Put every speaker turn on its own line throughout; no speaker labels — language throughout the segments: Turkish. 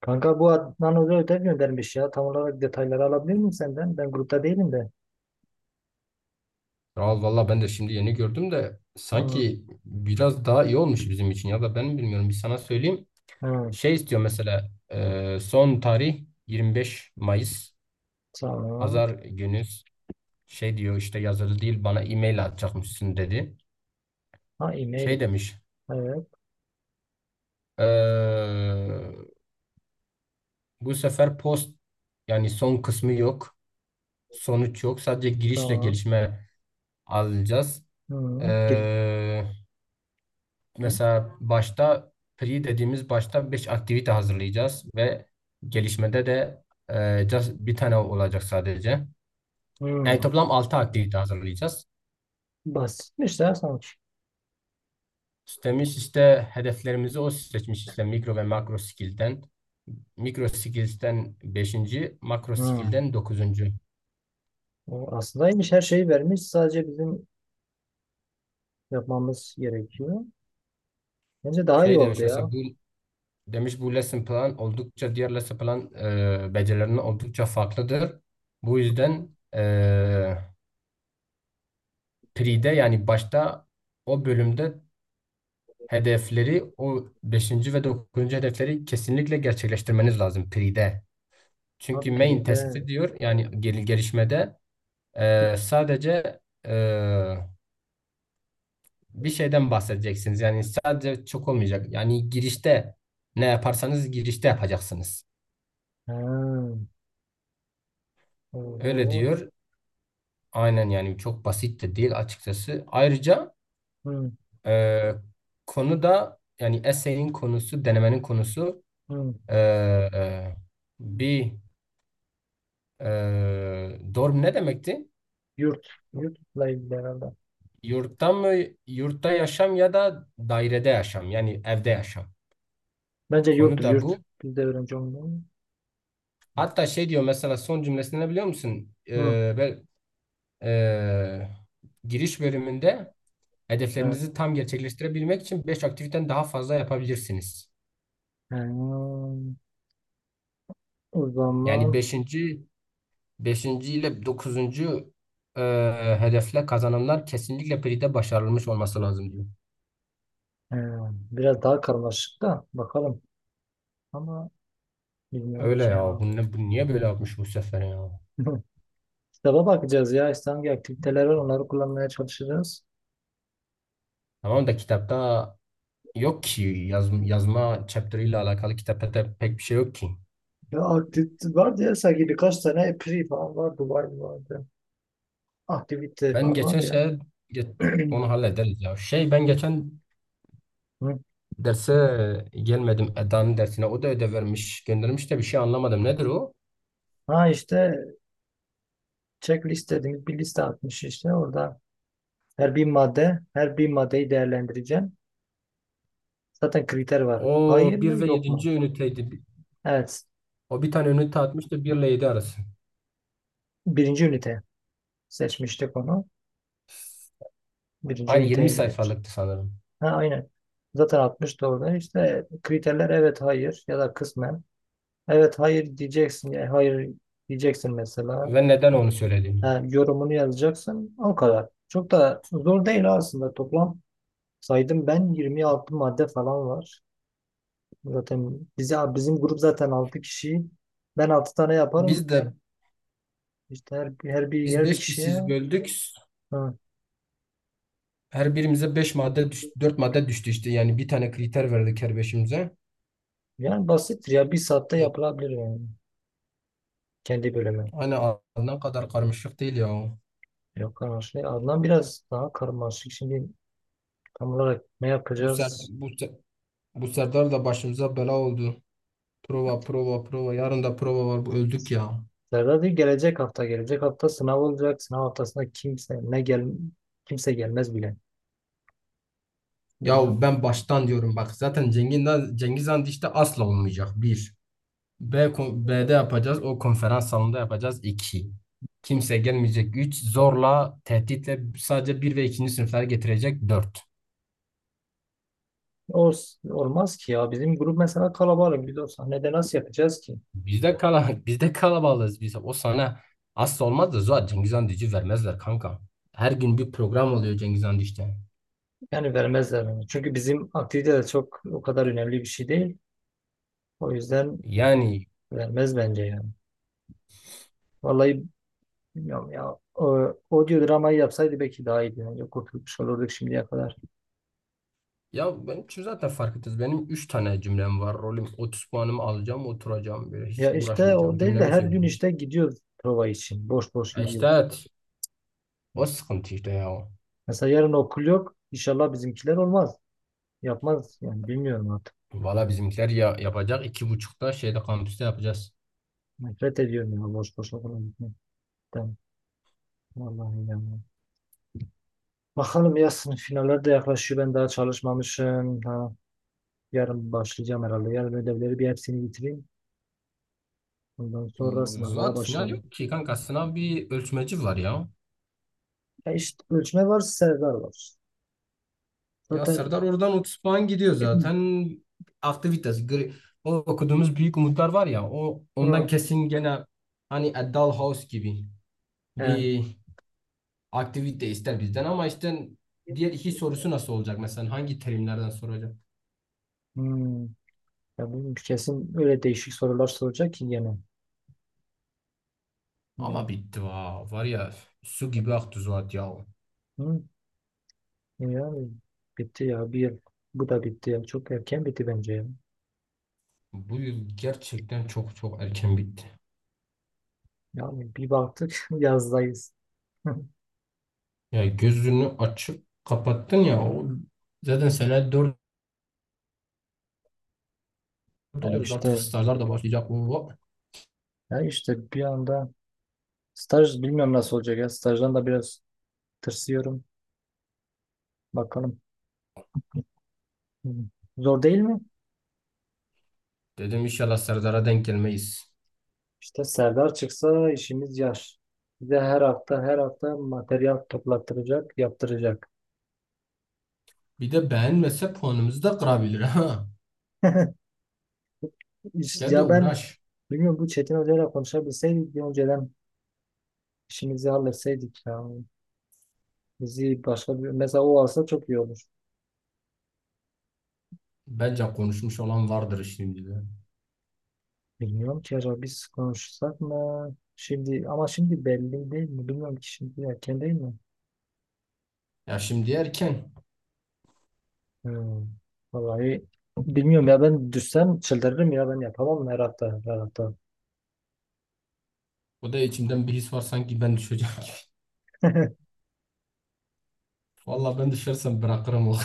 Kanka bu Adnan Hoca ödev göndermiş ya. Tam olarak detayları alabilir miyim senden? Ben grupta değilim de.
Kral valla ben de şimdi yeni gördüm de
Hı,
sanki biraz daha iyi olmuş bizim için ya da ben mi bilmiyorum bir sana söyleyeyim.
hı,
Şey istiyor mesela son tarih 25 Mayıs
tamam.
pazar günü şey diyor işte yazılı değil bana e-mail atacakmışsın dedi.
Ha
Şey
e-mail.
demiş
Evet
e, bu sefer post yani son kısmı yok sonuç yok sadece girişle
tamam.
gelişme alacağız.
Hı, gir,
E, mesela başta pre dediğimiz başta 5 aktivite hazırlayacağız ve gelişmede de just bir tane olacak sadece. Yani
hı.
toplam 6 aktivite hazırlayacağız.
Basitmiş ya sanki.
İstemiş işte hedeflerimizi o seçmiş işte mikro ve makro skill'den. Mikro skills'ten beşinci, makro
Hı.
skill'den dokuzuncu.
O aslındaymış her şeyi vermiş. Sadece bizim yapmamız gerekiyor. Bence daha iyi
Şey
oldu
demiş mesela
ya.
bu lesson plan oldukça diğer lesson plan becerilerine oldukça farklıdır. Bu
Hı.
yüzden e, Pre'de yani başta o bölümde hedefleri o beşinci ve dokuzuncu hedefleri kesinlikle gerçekleştirmeniz lazım Pre'de.
Ha
Çünkü main task'te
pride.
diyor yani gelişmede
Bir-
sadece e, bir şeyden bahsedeceksiniz. Yani sadece çok olmayacak. Yani girişte ne yaparsanız girişte yapacaksınız.
Ha.
Öyle
Oho.
diyor. Aynen yani çok basit de değil açıkçası. Ayrıca
Hı,
e, konu da yani essay'in konusu, denemenin konusu.
hı.
Ee, bir dorm ne demekti?
Yurt. Yurtla ilgili herhalde.
Yurtta mı, yurtta yaşam ya da dairede yaşam yani evde yaşam.
Bence
Konu
yurttur
da
yurt.
bu.
Biz de öğrenci olmalı.
Hatta şey diyor mesela son cümlesini ne biliyor musun?
Hı.
Ee, giriş bölümünde
Evet.
hedeflerinizi tam gerçekleştirebilmek için 5 aktiviten daha fazla yapabilirsiniz.
Hmm, O zaman
Yani beşinci ile dokuzuncu hedefle kazanımlar kesinlikle PRI'de başarılmış olması lazım diyor.
biraz daha karmaşık da bakalım. Ama bilmiyorum
Öyle
ki
ya.
ya.
Bu niye böyle yapmış bu sefer ya?
Kitaba bakacağız ya. İşte hangi aktiviteler var onları kullanmaya çalışacağız.
Tamam da kitapta yok ki yazma chapter ile alakalı kitapta da pek bir şey yok ki.
Ya aktivite vardı ya sanki birkaç tane epri falan vardı. Var vardı. Aktiviteler
Ben
var
geçen
vardı ya.
şey ge- onu hallederiz ya. Şey ben geçen
Hı.
derse gelmedim Eda'nın dersine. O da ödev vermiş, göndermiş de bir şey anlamadım. Nedir o?
Ha işte checklist dediğimiz bir liste atmış işte. Orada her bir madde, her bir maddeyi değerlendireceğim. Zaten kriter var. Hayır
O bir
mı
ve
yok mu?
yedinci üniteydi.
Evet.
O bir tane ünite atmıştı 1 ile 7 arası.
Birinci ünite. Seçmiştik onu. Birinci
Aynı
üniteye
20
göredir.
sayfalıktı sanırım.
Ha, aynen. Zaten 60 doğru. İşte kriterler evet hayır ya da kısmen. Evet hayır diyeceksin. Yani hayır diyeceksin mesela.
Ve neden onu söyledim?
Ha, yorumunu yazacaksın. O kadar. Çok da zor değil aslında. Toplam saydım ben 26 madde falan var. Zaten bizim grup zaten 6 kişi. Ben 6 tane yaparım.
Biz de
İşte her, her bir
biz
her bir
5
kişiye.
kişiyiz böldük.
Ha.
Her birimize 5 madde düştü, 4 madde düştü işte. Yani bir tane kriter verdik her beşimize.
Yani basittir ya. Bir saatte
E,
yapılabilir yani. Kendi bölümü.
Hani ne kadar karmaşık değil ya.
Yok anlaşılıyor. Adnan biraz daha karmaşık. Şimdi tam olarak ne
Bu ser,
yapacağız?
bu, Se- bu Serdar da başımıza bela oldu. Prova, prova, prova. Yarın da prova var. Bu öldük ya.
Serdar değil gelecek hafta. Gelecek hafta sınav olacak. Sınav haftasında kimse gelmez bile. Bilmiyorum.
Ya ben baştan diyorum bak. Zaten Cengiz Han işte asla olmayacak. Bir. B'de yapacağız. O konferans salonunda yapacağız. İki. Kimse gelmeyecek. Üç. Zorla, tehditle sadece bir ve ikinci sınıflar getirecek. Dört.
Olmaz ki ya. Bizim grup mesela kalabalık. Biz o sahnede nasıl yapacağız ki?
Bizde kala bizde kalabalığız biz. O sana asla olmaz da zaten Cengiz Han Düzü vermezler kanka. Her gün bir program oluyor Cengiz Han Düzü'de.
Yani vermezler onu. Çünkü bizim aktivite de çok o kadar önemli bir şey değil. O yüzden
Yani
vermez bence yani. Vallahi bilmiyorum ya. Audio dramayı yapsaydı belki daha iyiydi. Yani kurtulmuş olurduk şimdiye kadar.
ya ben şu zaten fark ettiniz. Benim 3 tane cümlem var. Rolüm 30 puanımı alacağım, oturacağım böyle
Ya
hiç
işte
uğraşmayacağım.
o değil de
Cümlemi
her gün
söyleyeyim.
işte gidiyoruz prova için. Boş boş
İşte
gidiyoruz.
evet. O sıkıntı işte ya.
Mesela yarın okul yok. İnşallah bizimkiler olmaz. Yapmaz yani bilmiyorum artık.
Valla bizimkiler ya yapacak iki buçukta şeyde kampüste yapacağız.
Nefret ediyorum ya boş boş okula gitmekten. Vallahi yani. Bakalım ya sınıf finaller de yaklaşıyor. Ben daha çalışmamışım. Ha, yarın başlayacağım herhalde. Yarın ödevleri bir hepsini bitireyim. Ondan sonra sınavlara
Zuhat final
başlarım.
yok ki kanka sınav bir ölçmeci var ya.
Ya işte ölçme var, Serdar var.
Ya
Zaten
Serdar oradan 30 puan gidiyor zaten. Aktivitas. O okuduğumuz Büyük Umutlar var ya o ondan
Hı,
kesin gene hani A Dollhouse gibi
evet.
bir aktivite ister bizden ama işte diğer iki sorusu nasıl olacak mesela hangi terimlerden soracak?
Hmm. Ya bilmiyorum, kesin öyle değişik sorular soracak ki gene.
Ama
Yani
bitti va. Var ya su gibi aktı Zuhat ya.
hı, ya bitti ya bir yıl. Bu da bitti ya. Çok erken bitti bence ya.
Bu yıl gerçekten çok çok erken bitti.
Yani bir baktık yazdayız.
Ya gözünü açıp kapattın ya o zaten sene 4
Ya
oluyoruz artık
işte
stajlar da başlayacak. Oo,
ya işte bir anda staj bilmiyorum nasıl olacak ya. Stajdan da biraz tırsıyorum. Bakalım. Hı. Zor değil mi?
dedim inşallah Serdar'a denk gelmeyiz.
İşte Serdar çıksa işimiz yar. Bize her hafta her hafta materyal toplattıracak, yaptıracak.
Bir de beğenmese puanımızı da kırabilir ha. Gel de
Ya ben
uğraş.
bilmiyorum bu Çetin Hoca'yla konuşabilseydik bir önceden işimizi halletseydik ya. Bizi başka bir mesela o alsa çok iyi olur.
Bence konuşmuş olan vardır şimdi de.
Bilmiyorum ki acaba biz konuşsak mı? Şimdi ama şimdi belli değil mi? Bilmiyorum ki şimdi erken değil mi?
Ya şimdi erken.
Hmm. Vallahi bilmiyorum ya ben düşsem çıldırırım ya ben yapamam her hafta her hafta.
O da içimden bir his var sanki ben düşeceğim gibi. Vallahi ben düşersem bırakırım o.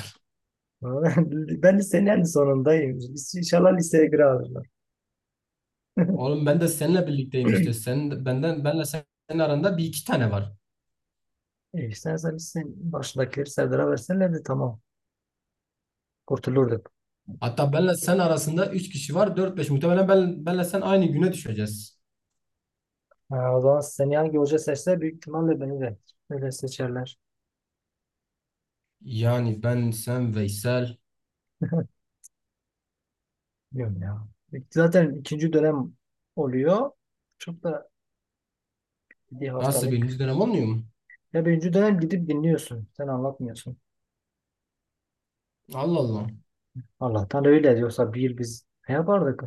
Ben lisenin en sonundayım. İnşallah liseye girer alırlar.
Oğlum ben de seninle birlikteyim işte. Sen benden benle senin aranda bir iki tane var.
E istersen sen başındakileri Serdar'a versenler de tamam. Kurtulurduk.
Hatta benle sen arasında üç kişi var. Dört beş muhtemelen benle sen aynı güne düşeceğiz.
Ha, o zaman seni hangi hoca seçse büyük ihtimalle beni de öyle seçerler.
Yani ben sen Veysel.
Bilmiyorum ya. Zaten ikinci dönem oluyor. Çok da bir
Nasıl birinci
haftalık.
dönem olmuyor mu?
Ya birinci dönem gidip dinliyorsun. Sen anlatmıyorsun.
Allah Allah.
Allah'tan öyle diyorsa bir yıl biz ne yapardık?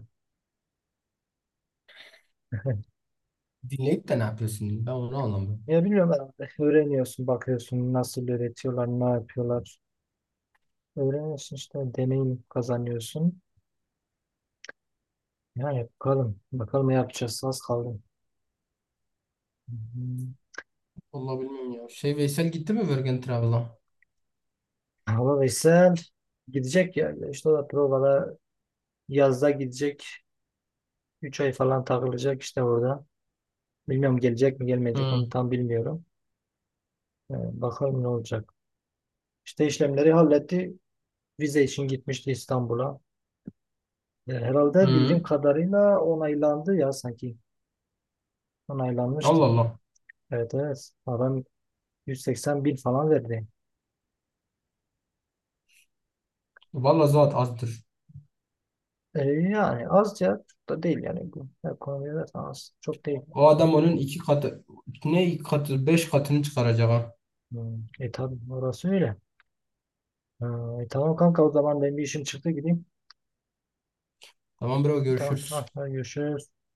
Dinleyip de ne yapıyorsun? Ben onu anlamıyorum.
Ya bilmiyorum herhalde. Öğreniyorsun, bakıyorsun nasıl öğretiyorlar, ne yapıyorlar. Öğreniyorsun işte deneyim kazanıyorsun. Ya yapalım. Bakalım ne yapacağız. Az kaldı. Hı hı.
Vallahi bilmiyorum ya. Şey Veysel gitti mi Virgin Travel'a?
Ama Veysel gidecek ya. İşte o da provada yazda gidecek. 3 ay falan takılacak işte orada. Bilmiyorum gelecek mi gelmeyecek
Hı.
onu tam bilmiyorum. Ee, bakalım ne olacak. İşte işlemleri halletti. Vize için gitmişti İstanbul'a. Herhalde bildiğim
Hı.
kadarıyla onaylandı ya sanki. Onaylanmıştı.
Allah Allah.
Evet evet. Adam 180 bin falan verdi.
Vallahi zat azdır.
Yani az ya. Çok da değil yani. Bu ekonomide az. Çok değil.
O adam onun iki katı, ne iki katı, beş katını çıkaracak ha.
Hmm. E tabii orası öyle. Ha, tamam kanka o zaman benim bir işim çıktı gideyim.
Tamam bro
Tamam ha,
görüşürüz.
hadi görüşürüz.